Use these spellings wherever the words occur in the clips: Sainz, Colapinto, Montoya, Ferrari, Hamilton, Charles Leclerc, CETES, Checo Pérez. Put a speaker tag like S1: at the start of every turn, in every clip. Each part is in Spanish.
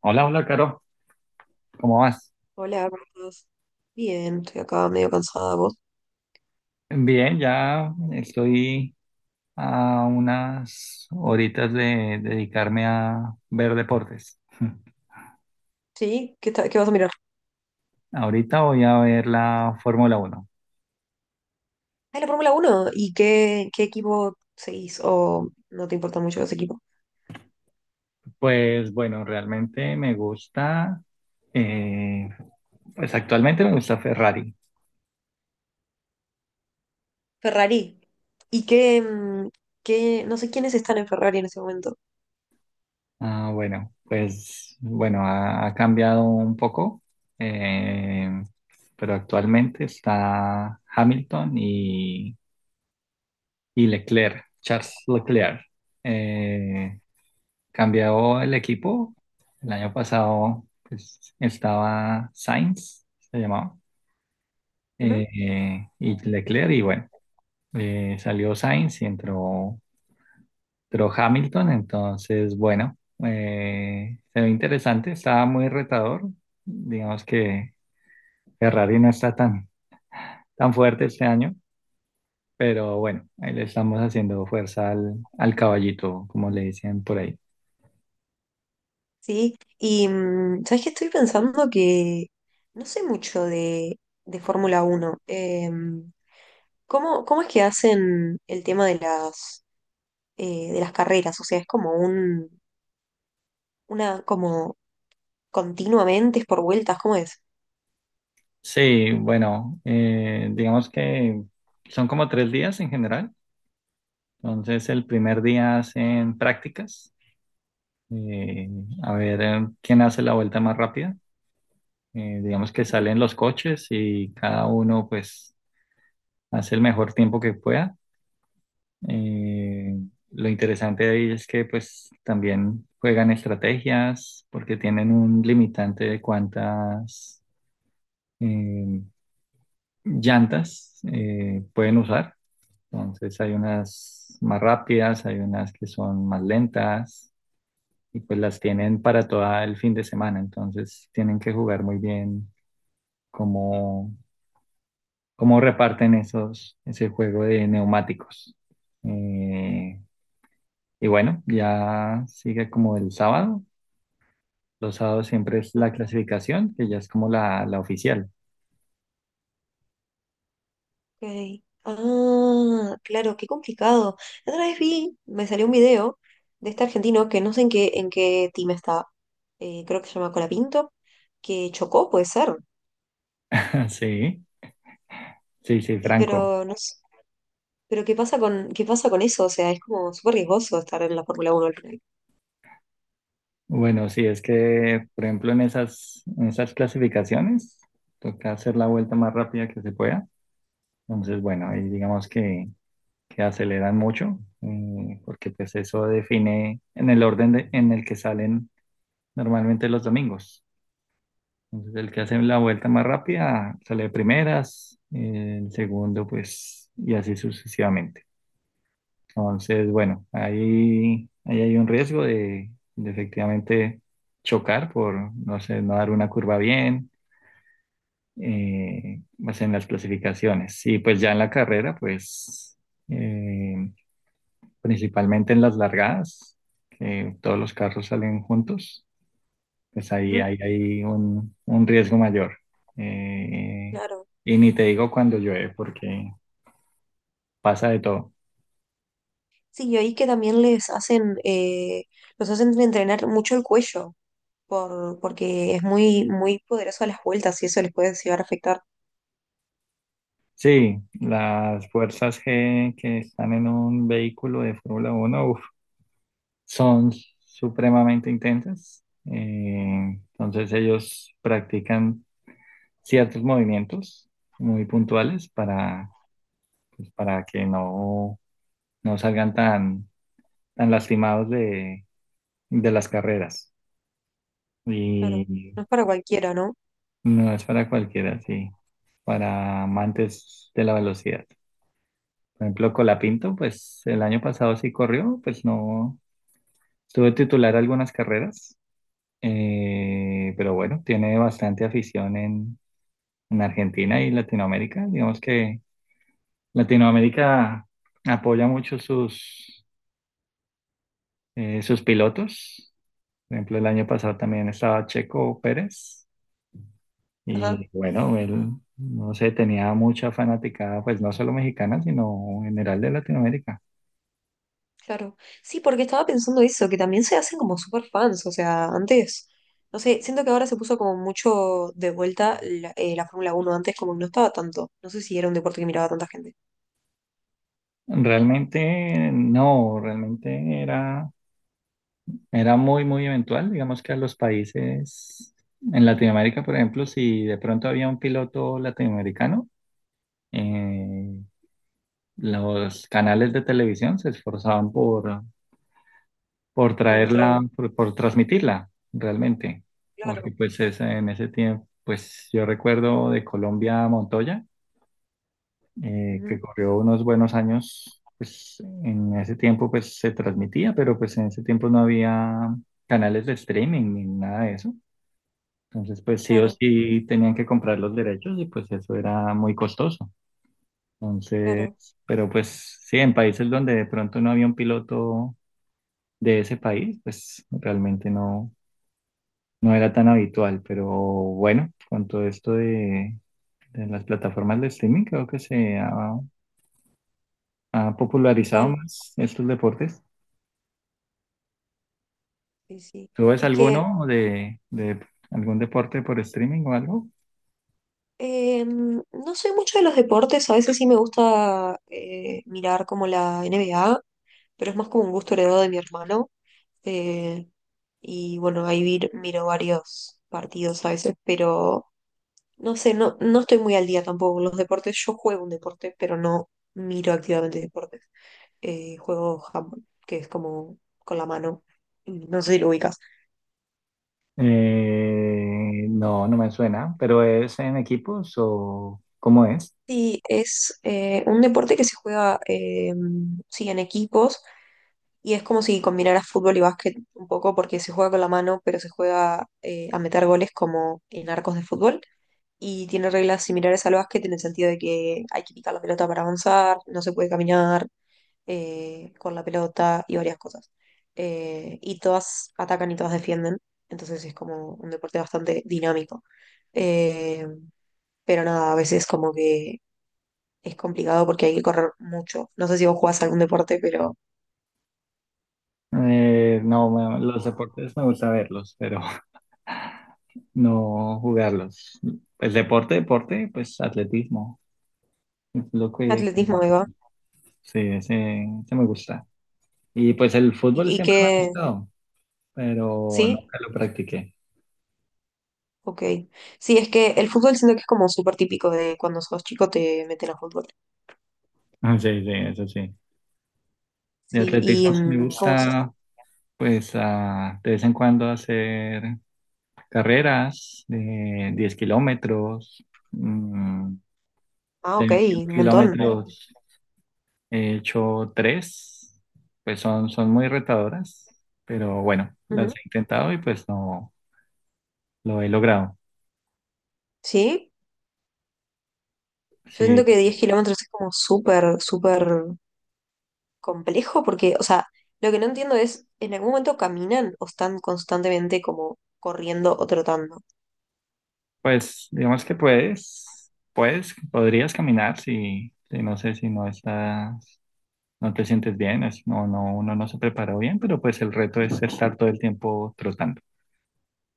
S1: Hola, hola, Caro, ¿cómo vas?
S2: Hola, ¿cómo estás? Bien, estoy acá medio cansada. ¿Vos?
S1: Bien, ya estoy a unas horitas de dedicarme a ver deportes.
S2: ¿Sí? ¿Qué, qué vas a mirar?
S1: Ahorita voy a ver la Fórmula Uno.
S2: Ah, la Fórmula uno. ¿Y qué, qué equipo seguís? ¿O no te importa mucho ese equipo?
S1: Pues bueno, realmente me gusta, eh, pues actualmente me gusta Ferrari.
S2: Ferrari. ¿Y qué, qué- No sé quiénes están en Ferrari en ese momento.
S1: Ah, bueno, pues bueno, ha cambiado un poco, eh, pero actualmente está Hamilton y Leclerc, Charles Leclerc. Eh, Cambió el equipo. El año pasado pues, estaba Sainz, se llamaba,
S2: Ujú.
S1: y Leclerc, y bueno, salió Sainz y entró Hamilton. Entonces, bueno, se ve interesante, estaba muy retador. Digamos que Ferrari no está tan fuerte este año, pero bueno, ahí le estamos haciendo fuerza al caballito, como le dicen por ahí.
S2: Sí. Y, ¿sabes qué? Estoy pensando que no sé mucho de Fórmula uno. ¿Cómo, cómo es que hacen el tema de de las carreras? O sea, es como un... Una, como continuamente es por vueltas, ¿cómo es?
S1: Sí, bueno, digamos que son como tres días en general. Entonces, el primer día hacen prácticas, eh, a ver quién hace la vuelta más rápida. Digamos que
S2: Ujú.
S1: salen los coches y cada uno pues hace el mejor tiempo que pueda. Eh, lo interesante de ahí es que pues también juegan estrategias porque tienen un limitante de cuántas eh, llantas pueden usar. Entonces hay unas más rápidas, hay unas que son más lentas y pues las tienen para todo el fin de semana. Entonces tienen que jugar muy bien cómo, cómo reparten ese juego de neumáticos. Eh, y bueno, ya sigue como el sábado. Los sábados siempre es la clasificación, que ya es como la oficial.
S2: Ok. Ah, claro, qué complicado. La otra vez vi, me salió un video de este argentino que no sé en qué team estaba. Creo que se llama Colapinto, que chocó, puede ser.
S1: Sí, sí, sí,
S2: Y
S1: Franco.
S2: pero no sé, pero qué pasa con eso, o sea, es como súper riesgoso estar en la Fórmula Uno al final.
S1: Bueno, sí, es que, por ejemplo, en en esas clasificaciones, toca hacer la vuelta más rápida que se pueda. Entonces, bueno, ahí digamos que aceleran mucho, porque pues eso define en el orden de- en el que salen normalmente los domingos. Entonces, el que hace la vuelta más rápida sale de primeras, el segundo, pues, y así sucesivamente. Entonces, bueno, ahí hay un riesgo de efectivamente chocar por, no sé, no dar una curva bien, pues en las clasificaciones. Y pues ya en la carrera, pues eh, principalmente en las largadas, que todos los carros salen juntos, pues
S2: Ujú,
S1: ahí hay un riesgo mayor. Eh,
S2: claro.
S1: y ni te digo cuando llueve, porque pasa de todo.
S2: Sí, y ahí que también les hacen, los hacen entrenar mucho el cuello. Porque es muy, muy poderoso a las vueltas y eso les puede llegar a afectar.
S1: Sí, las fuerzas G que están en un vehículo de Fórmula Uno uf, son supremamente intensas. Entonces ellos practican ciertos movimientos muy puntuales pues, para que no salgan tan lastimados de las carreras.
S2: Claro,
S1: Y
S2: no es para cualquiera, ¿no?
S1: no es para cualquiera, sí, para amantes de la velocidad. Por ejemplo, Colapinto, pues el año pasado sí corrió, pues no, estuve titular algunas carreras, pero bueno, tiene bastante afición en Argentina y Latinoamérica. Digamos que Latinoamérica apoya mucho sus pilotos. Por ejemplo, el año pasado también estaba Checo Pérez
S2: Ajá,
S1: y bueno, él, no sé, tenía mucha fanaticada, pues no solo mexicana, sino en general de Latinoamérica.
S2: claro. Sí, porque estaba pensando eso, que también se hacen como super fans, o sea, antes, no sé, siento que ahora se puso como mucho de vuelta la Fórmula uno antes como que no estaba tanto, no sé si era un deporte que miraba tanta gente,
S1: Realmente no, realmente era era muy, muy eventual, digamos que a los países en Latinoamérica, por ejemplo, si de pronto había un piloto latinoamericano, eh, los canales de televisión se esforzaban por
S2: por
S1: traerla,
S2: mostrarlo.
S1: por transmitirla realmente, porque
S2: Claro,
S1: pues es- en ese tiempo, pues yo recuerdo de Colombia a Montoya, que
S2: ujú,
S1: corrió unos buenos años, pues en ese tiempo pues se transmitía, pero pues en ese tiempo no había canales de streaming ni nada de eso. Entonces, pues sí o
S2: claro,
S1: sí tenían que comprar los derechos y pues eso era muy costoso. Entonces,
S2: claro,
S1: pero pues sí, en países donde de pronto no había un piloto de ese país, pues realmente no, no era tan habitual. Pero bueno, con todo esto de las plataformas de streaming, creo que se ha popularizado
S2: tal,
S1: más estos deportes.
S2: sí, sí.
S1: ¿Tú ves
S2: Es que...
S1: alguno de algún deporte por streaming o algo?
S2: No soy mucho de los deportes, a veces sí me gusta mirar como la N B A, pero es más como un gusto heredado de mi hermano. eh, y bueno, miro varios partidos a veces, pero no sé, no, no estoy muy al día tampoco con los deportes. Yo juego un deporte, pero no miro activamente deportes. Juego handball, que es como con la mano. No sé si lo ubicas.
S1: No, no me suena, pero ¿es en equipos o cómo es?
S2: Sí, es un deporte que se juega sí, en equipos y es como si combinaras fútbol y básquet un poco porque se juega con la mano, pero se juega a meter goles como en arcos de fútbol. Y tiene reglas similares al básquet en el sentido de que hay que picar la pelota para avanzar, no se puede caminar con la pelota y varias cosas. Y todas atacan y todas defienden, entonces es como un deporte bastante dinámico. Eh, pero nada, a veces como que es complicado porque hay que correr mucho. No sé si vos jugás algún deporte, pero
S1: No, me- los deportes me gusta verlos, pero no jugarlos. Pues deporte, deporte, pues atletismo, es lo que...
S2: atletismo, Eva.
S1: Sí, ese me gusta. Y pues el fútbol
S2: Y
S1: siempre me ha
S2: que
S1: gustado, pero
S2: ¿sí?
S1: nunca lo practiqué.
S2: Ok. Sí, es que el fútbol siento que es como súper típico de cuando sos chico te meten a fútbol.
S1: Ah, sí, sí, eso sí. De
S2: Sí,
S1: atletismo
S2: y
S1: sí me
S2: ¿cómo se
S1: gusta, pues ah, de vez en cuando hacer carreras de 10 kilómetros, mm,
S2: Ah,
S1: de
S2: ok,
S1: 21
S2: un montón.
S1: kilómetros he hecho tres, pues son, son muy retadoras, pero bueno, las
S2: Ujú.
S1: he intentado y pues no lo he logrado.
S2: Sí, yo siento
S1: Sí,
S2: que 10 kilómetros es como súper, súper complejo porque, o sea, lo que no entiendo es, ¿en algún momento caminan o están constantemente como corriendo o trotando?
S1: pues digamos que podrías caminar si no sé, si no estás, no te sientes bien, es- no, no, uno no se preparó bien, pero pues el reto es estar todo el tiempo trotando,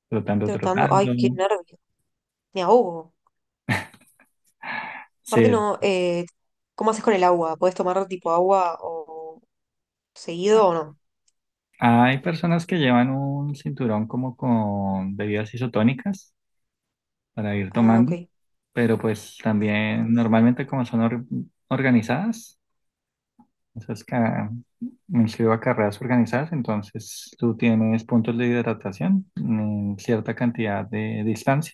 S1: trotando,
S2: Trotando, ay,
S1: trotando.
S2: qué nervio, me ahogo. Aparte
S1: Sí,
S2: no, ¿cómo haces con el agua? ¿Puedes tomar tipo agua o seguido o no?
S1: hay personas que llevan un cinturón como con bebidas isotónicas para ir
S2: Ah, ok,
S1: tomando, pero pues también normalmente como son or- organizadas, esas ca- me inscribo a carreras organizadas, entonces tú tienes puntos de hidratación en cierta cantidad de distancia,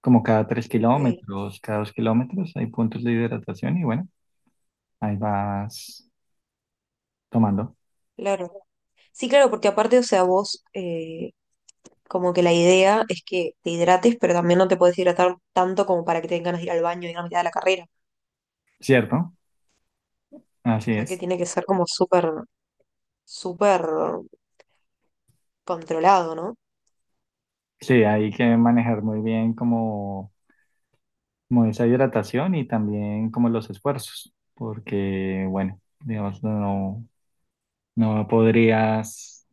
S1: como cada tres
S2: ok,
S1: kilómetros, cada 2 kilómetros hay puntos de hidratación y bueno, ahí vas tomando,
S2: claro. Sí, claro, porque aparte, o sea, vos, como que la idea es que te hidrates, pero también no te puedes hidratar tanto como para que te den ganas de ir al baño en la mitad de ir a la carrera.
S1: ¿cierto? Así
S2: O sea, que
S1: es.
S2: tiene que ser como súper, súper controlado, ¿no?
S1: Sí, hay que manejar muy bien como esa hidratación y también como los esfuerzos, porque bueno, digamos, no, no podrías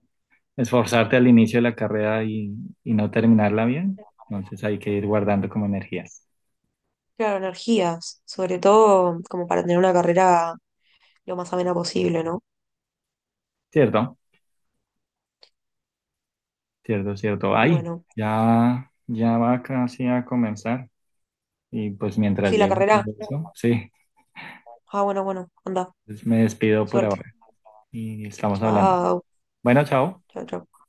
S1: esforzarte al inicio de la carrera y no terminarla bien, entonces hay que ir guardando como energías.
S2: Claro, energías, sobre todo como para tener una carrera lo más amena posible, ¿no?
S1: Cierto, Cierto. Ahí,
S2: Bueno,
S1: ya va casi a comenzar y pues mientras
S2: sí, la
S1: llegue
S2: carrera.
S1: todo eso, sí,
S2: Ah, bueno, bueno, anda,
S1: pues me despido por
S2: suerte.
S1: ahora y estamos hablando.
S2: Chao,
S1: Bueno, chao.
S2: chao, chao.